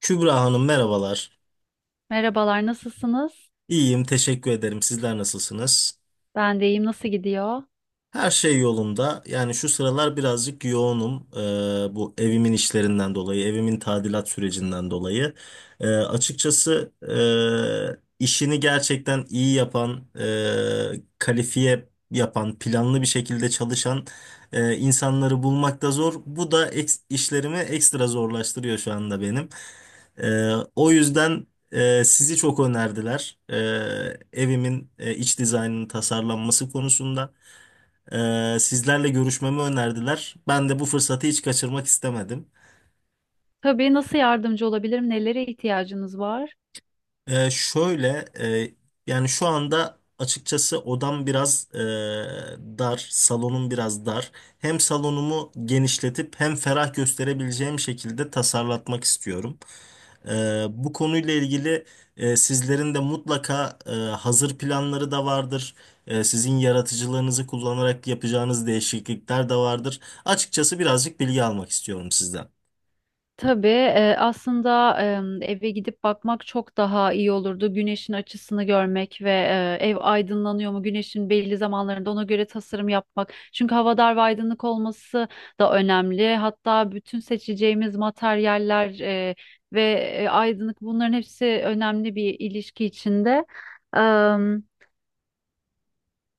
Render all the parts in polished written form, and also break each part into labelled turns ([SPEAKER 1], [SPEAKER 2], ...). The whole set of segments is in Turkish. [SPEAKER 1] Kübra Hanım merhabalar.
[SPEAKER 2] Merhabalar, nasılsınız?
[SPEAKER 1] İyiyim, teşekkür ederim. Sizler nasılsınız?
[SPEAKER 2] Ben de iyiyim, nasıl gidiyor?
[SPEAKER 1] Her şey yolunda. Yani şu sıralar birazcık yoğunum. Bu evimin işlerinden dolayı, evimin tadilat sürecinden dolayı. Açıkçası işini gerçekten iyi yapan, kalifiye yapan, planlı bir şekilde çalışan insanları bulmak da zor. Bu da işlerimi ekstra zorlaştırıyor şu anda benim. O yüzden sizi çok önerdiler. Evimin iç dizaynının tasarlanması konusunda. Sizlerle görüşmemi önerdiler. Ben de bu fırsatı hiç kaçırmak istemedim.
[SPEAKER 2] Tabii, nasıl yardımcı olabilirim? Nelere ihtiyacınız var?
[SPEAKER 1] Ee, şöyle, e, Yani şu anda açıkçası odam biraz dar, salonum biraz dar. Hem salonumu genişletip hem ferah gösterebileceğim şekilde tasarlatmak istiyorum. Bu konuyla ilgili sizlerin de mutlaka hazır planları da vardır. Sizin yaratıcılığınızı kullanarak yapacağınız değişiklikler de vardır. Açıkçası birazcık bilgi almak istiyorum sizden.
[SPEAKER 2] Tabii, aslında eve gidip bakmak çok daha iyi olurdu. Güneşin açısını görmek ve ev aydınlanıyor mu? Güneşin belli zamanlarında ona göre tasarım yapmak. Çünkü hava dar ve aydınlık olması da önemli. Hatta bütün seçeceğimiz materyaller ve aydınlık bunların hepsi önemli bir ilişki içinde.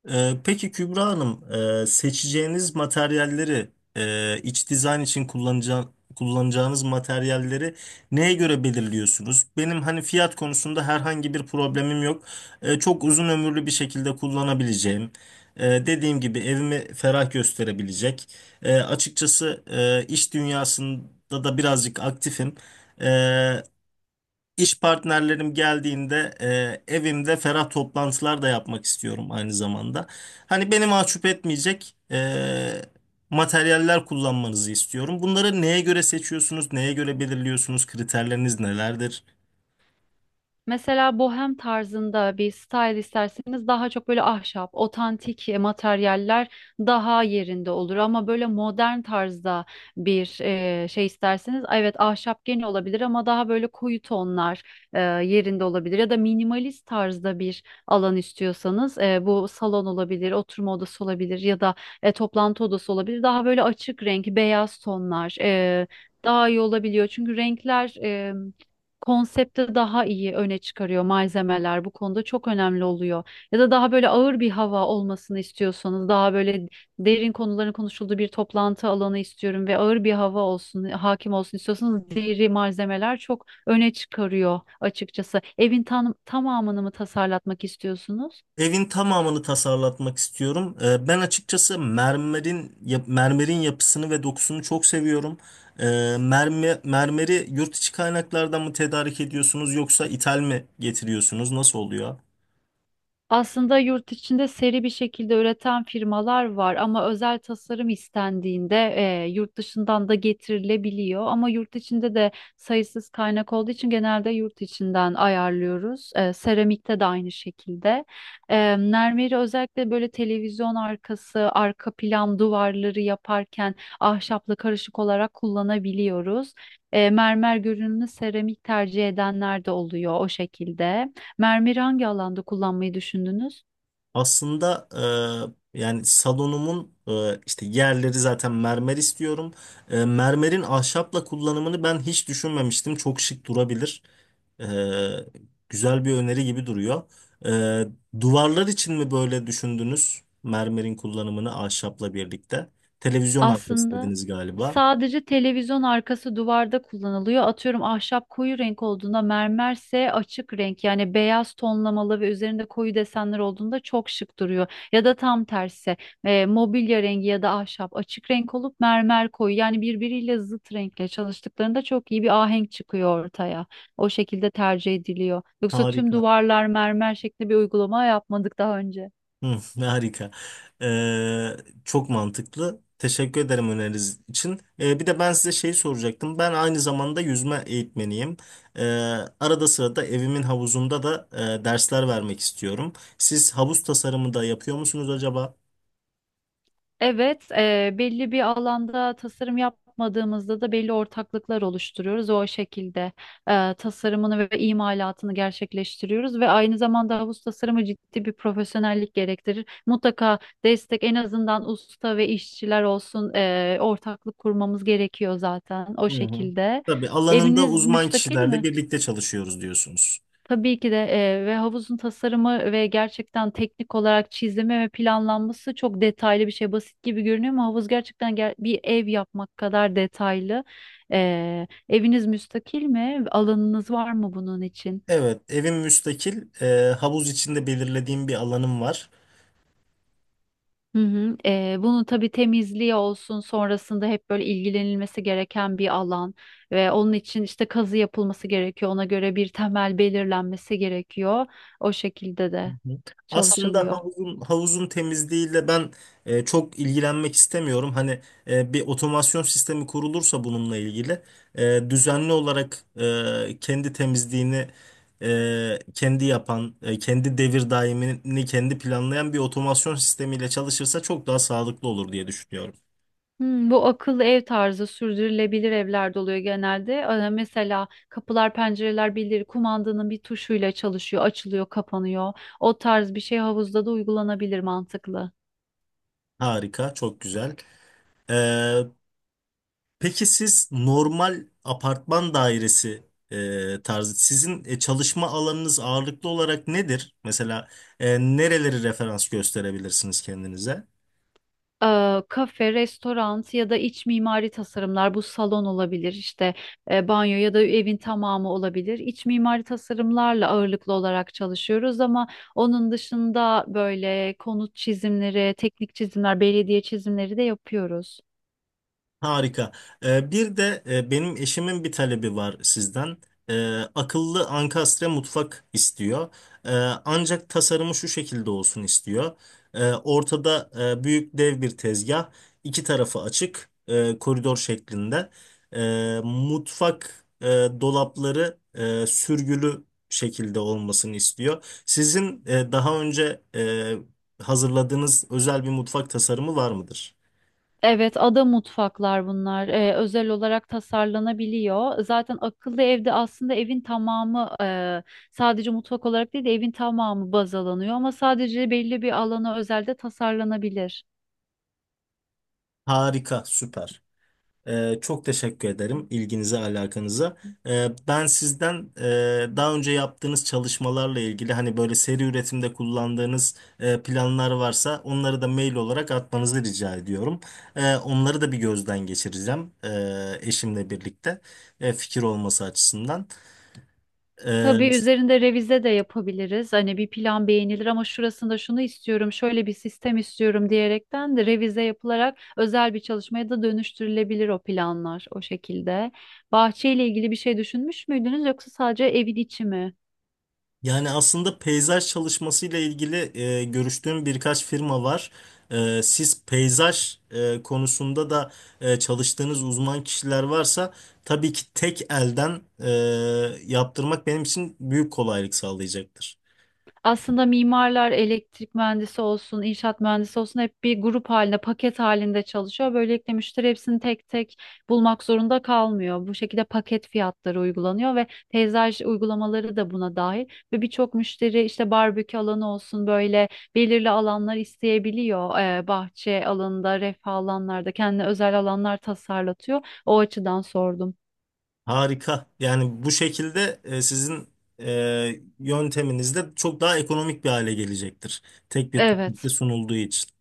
[SPEAKER 1] Peki Kübra Hanım, seçeceğiniz materyalleri, iç dizayn için kullanacağınız materyalleri neye göre belirliyorsunuz? Benim hani fiyat konusunda herhangi bir problemim yok. Çok uzun ömürlü bir şekilde kullanabileceğim. Dediğim gibi evimi ferah gösterebilecek. Açıkçası iş dünyasında da birazcık aktifim. E, İş partnerlerim geldiğinde evimde ferah toplantılar da yapmak istiyorum aynı zamanda. Hani beni mahcup etmeyecek materyaller kullanmanızı istiyorum. Bunları neye göre seçiyorsunuz, neye göre belirliyorsunuz, kriterleriniz nelerdir?
[SPEAKER 2] Mesela bohem tarzında bir style isterseniz daha çok böyle ahşap, otantik materyaller daha yerinde olur. Ama böyle modern tarzda bir şey isterseniz evet ahşap gene olabilir ama daha böyle koyu tonlar yerinde olabilir. Ya da minimalist tarzda bir alan istiyorsanız bu salon olabilir, oturma odası olabilir ya da toplantı odası olabilir. Daha böyle açık renk, beyaz tonlar daha iyi olabiliyor. Çünkü renkler. Konsepti daha iyi öne çıkarıyor, malzemeler bu konuda çok önemli oluyor. Ya da daha böyle ağır bir hava olmasını istiyorsanız, daha böyle derin konuların konuşulduğu bir toplantı alanı istiyorum ve ağır bir hava olsun, hakim olsun istiyorsanız, deri malzemeler çok öne çıkarıyor açıkçası. Evin tamamını mı tasarlatmak istiyorsunuz?
[SPEAKER 1] Evin tamamını tasarlatmak istiyorum. Ben açıkçası mermerin yapısını ve dokusunu çok seviyorum. E, Mermeri yurt içi kaynaklardan mı tedarik ediyorsunuz yoksa ithal mi getiriyorsunuz? Nasıl oluyor?
[SPEAKER 2] Aslında yurt içinde seri bir şekilde üreten firmalar var ama özel tasarım istendiğinde yurt dışından da getirilebiliyor. Ama yurt içinde de sayısız kaynak olduğu için genelde yurt içinden ayarlıyoruz. Seramikte de aynı şekilde. Mermeri özellikle böyle televizyon arkası, arka plan duvarları yaparken ahşapla karışık olarak kullanabiliyoruz. Mermer görünümlü seramik tercih edenler de oluyor o şekilde. Mermeri hangi alanda kullanmayı düşündünüz?
[SPEAKER 1] Aslında yani salonumun işte yerleri zaten mermer istiyorum. Mermerin ahşapla kullanımını ben hiç düşünmemiştim. Çok şık durabilir. E, Güzel bir öneri gibi duruyor. Duvarlar için mi böyle düşündünüz? Mermerin kullanımını ahşapla birlikte. Televizyon arkası
[SPEAKER 2] Aslında
[SPEAKER 1] dediniz galiba.
[SPEAKER 2] sadece televizyon arkası duvarda kullanılıyor. Atıyorum, ahşap koyu renk olduğunda mermerse açık renk, yani beyaz tonlamalı ve üzerinde koyu desenler olduğunda çok şık duruyor. Ya da tam tersi, mobilya rengi ya da ahşap açık renk olup mermer koyu, yani birbiriyle zıt renkle çalıştıklarında çok iyi bir ahenk çıkıyor ortaya. O şekilde tercih ediliyor. Yoksa tüm
[SPEAKER 1] Harika.
[SPEAKER 2] duvarlar mermer şeklinde bir uygulama yapmadık daha önce.
[SPEAKER 1] Hı, ne harika. Ee, Çok mantıklı. Teşekkür ederim öneriniz için. Bir de ben size şey soracaktım. Ben aynı zamanda yüzme eğitmeniyim. Ee, Arada sırada evimin havuzunda da dersler vermek istiyorum. Siz havuz tasarımı da yapıyor musunuz acaba?
[SPEAKER 2] Evet, belli bir alanda tasarım yapmadığımızda da belli ortaklıklar oluşturuyoruz. O şekilde tasarımını ve imalatını gerçekleştiriyoruz ve aynı zamanda havuz tasarımı ciddi bir profesyonellik gerektirir. Mutlaka destek, en azından usta ve işçiler olsun, ortaklık kurmamız gerekiyor zaten o
[SPEAKER 1] Hı hı.
[SPEAKER 2] şekilde.
[SPEAKER 1] Tabii alanında
[SPEAKER 2] Eviniz
[SPEAKER 1] uzman
[SPEAKER 2] müstakil
[SPEAKER 1] kişilerle
[SPEAKER 2] mi?
[SPEAKER 1] birlikte çalışıyoruz diyorsunuz.
[SPEAKER 2] Tabii ki de ve havuzun tasarımı ve gerçekten teknik olarak çizimi ve planlanması çok detaylı bir şey. Basit gibi görünüyor ama havuz gerçekten bir ev yapmak kadar detaylı. Eviniz müstakil mi? Alanınız var mı bunun için?
[SPEAKER 1] Evet, evim müstakil. Havuz içinde belirlediğim bir alanım var.
[SPEAKER 2] Hı hı. Bunun tabii temizliği olsun, sonrasında hep böyle ilgilenilmesi gereken bir alan ve onun için işte kazı yapılması gerekiyor. Ona göre bir temel belirlenmesi gerekiyor. O şekilde
[SPEAKER 1] Hı
[SPEAKER 2] de
[SPEAKER 1] hı. Aslında
[SPEAKER 2] çalışılıyor.
[SPEAKER 1] havuzun temizliğiyle ben çok ilgilenmek istemiyorum. Hani bir otomasyon sistemi kurulursa bununla ilgili düzenli olarak kendi temizliğini kendi yapan, kendi devir daimini kendi planlayan bir otomasyon sistemiyle çalışırsa çok daha sağlıklı olur diye düşünüyorum.
[SPEAKER 2] Hmm, bu akıllı ev tarzı sürdürülebilir evlerde oluyor genelde. Mesela kapılar, pencereler birileri kumandanın bir tuşuyla çalışıyor, açılıyor, kapanıyor. O tarz bir şey havuzda da uygulanabilir, mantıklı.
[SPEAKER 1] Harika, çok güzel. E, Peki siz normal apartman dairesi tarzı sizin çalışma alanınız ağırlıklı olarak nedir? Mesela nereleri referans gösterebilirsiniz kendinize?
[SPEAKER 2] Kafe, restoran ya da iç mimari tasarımlar, bu salon olabilir işte, banyo ya da evin tamamı olabilir. İç mimari tasarımlarla ağırlıklı olarak çalışıyoruz ama onun dışında böyle konut çizimleri, teknik çizimler, belediye çizimleri de yapıyoruz.
[SPEAKER 1] Harika. Bir de benim eşimin bir talebi var sizden. Akıllı ankastre mutfak istiyor. Ee, Ancak tasarımı şu şekilde olsun istiyor. Ortada büyük dev bir tezgah, iki tarafı açık, koridor şeklinde. Mutfak dolapları sürgülü şekilde olmasını istiyor. Sizin daha önce hazırladığınız özel bir mutfak tasarımı var mıdır?
[SPEAKER 2] Evet, ada mutfaklar bunlar. Özel olarak tasarlanabiliyor. Zaten akıllı evde aslında evin tamamı, sadece mutfak olarak değil de evin tamamı baz alınıyor ama sadece belli bir alana özel de tasarlanabilir.
[SPEAKER 1] Harika, süper. Çok teşekkür ederim ilginize, alakanıza. Ben sizden daha önce yaptığınız çalışmalarla ilgili hani böyle seri üretimde kullandığınız planlar varsa onları da mail olarak atmanızı rica ediyorum. Onları da bir gözden geçireceğim eşimle birlikte fikir olması açısından.
[SPEAKER 2] Tabii üzerinde revize de yapabiliriz. Hani bir plan beğenilir ama şurasında şunu istiyorum, şöyle bir sistem istiyorum diyerekten de revize yapılarak özel bir çalışmaya da dönüştürülebilir o planlar o şekilde. Bahçeyle ilgili bir şey düşünmüş müydünüz yoksa sadece evin içi mi?
[SPEAKER 1] Yani aslında peyzaj çalışmasıyla ilgili görüştüğüm birkaç firma var. Siz peyzaj konusunda da çalıştığınız uzman kişiler varsa tabii ki tek elden yaptırmak benim için büyük kolaylık sağlayacaktır.
[SPEAKER 2] Aslında mimarlar, elektrik mühendisi olsun, inşaat mühendisi olsun, hep bir grup halinde, paket halinde çalışıyor. Böylelikle müşteri hepsini tek tek bulmak zorunda kalmıyor. Bu şekilde paket fiyatları uygulanıyor ve peyzaj uygulamaları da buna dahil. Ve birçok müşteri işte barbekü alanı olsun, böyle belirli alanlar isteyebiliyor. Bahçe alanında, refah alanlarda kendine özel alanlar tasarlatıyor. O açıdan sordum.
[SPEAKER 1] Harika. Yani bu şekilde sizin yönteminiz de çok daha ekonomik bir hale gelecektir. Tek bir pakette
[SPEAKER 2] Evet.
[SPEAKER 1] sunulduğu için.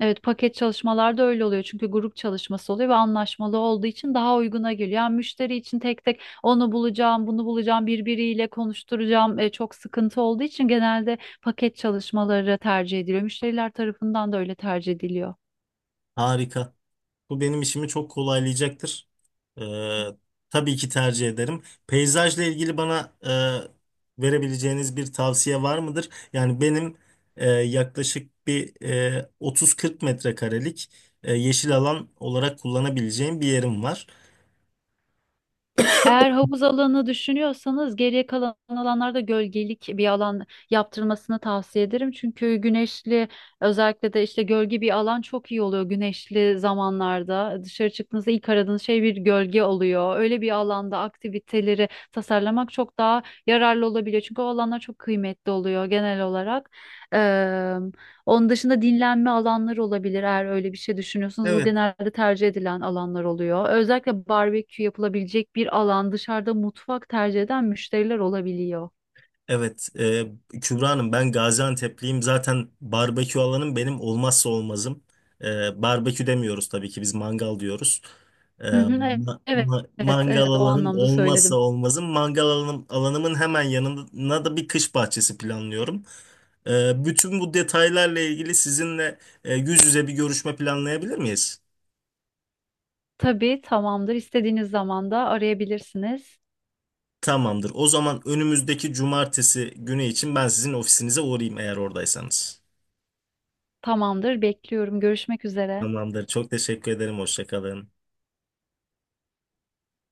[SPEAKER 2] Evet, paket çalışmalarda öyle oluyor çünkü grup çalışması oluyor ve anlaşmalı olduğu için daha uyguna geliyor. Yani müşteri için tek tek onu bulacağım, bunu bulacağım, birbiriyle konuşturacağım, çok sıkıntı olduğu için genelde paket çalışmaları tercih ediliyor. Müşteriler tarafından da öyle tercih ediliyor.
[SPEAKER 1] Harika. Bu benim işimi çok kolaylayacaktır. Ee, tabii ki tercih ederim. Peyzajla ilgili bana verebileceğiniz bir tavsiye var mıdır? Yani benim yaklaşık 30-40 metrekarelik yeşil alan olarak kullanabileceğim bir yerim var.
[SPEAKER 2] Eğer havuz alanı düşünüyorsanız, geriye kalan alanlarda gölgelik bir alan yaptırmasını tavsiye ederim. Çünkü güneşli, özellikle de işte gölge bir alan çok iyi oluyor güneşli zamanlarda. Dışarı çıktığınızda ilk aradığınız şey bir gölge oluyor. Öyle bir alanda aktiviteleri tasarlamak çok daha yararlı olabiliyor. Çünkü o alanlar çok kıymetli oluyor genel olarak. Onun dışında dinlenme alanları olabilir eğer öyle bir şey düşünüyorsanız. Bu
[SPEAKER 1] Evet,
[SPEAKER 2] genelde tercih edilen alanlar oluyor. Özellikle barbekü yapılabilecek bir alan, dışarıda mutfak tercih eden müşteriler olabiliyor.
[SPEAKER 1] Evet, e, Kübra Hanım ben Gaziantep'liyim. Zaten barbekü alanım benim olmazsa olmazım. Barbekü demiyoruz tabii ki biz mangal diyoruz.
[SPEAKER 2] Hı hı, evet, evet,
[SPEAKER 1] Mangal
[SPEAKER 2] evet, o
[SPEAKER 1] alanım
[SPEAKER 2] anlamda
[SPEAKER 1] olmazsa
[SPEAKER 2] söyledim.
[SPEAKER 1] olmazım. Mangal alanım, alanımın hemen yanına da bir kış bahçesi planlıyorum. Bütün bu detaylarla ilgili sizinle yüz yüze bir görüşme planlayabilir miyiz?
[SPEAKER 2] Tabii tamamdır. İstediğiniz zaman da arayabilirsiniz.
[SPEAKER 1] Tamamdır. O zaman önümüzdeki cumartesi günü için ben sizin ofisinize uğrayayım eğer oradaysanız.
[SPEAKER 2] Tamamdır, bekliyorum. Görüşmek üzere.
[SPEAKER 1] Tamamdır. Çok teşekkür ederim. Hoşça kalın.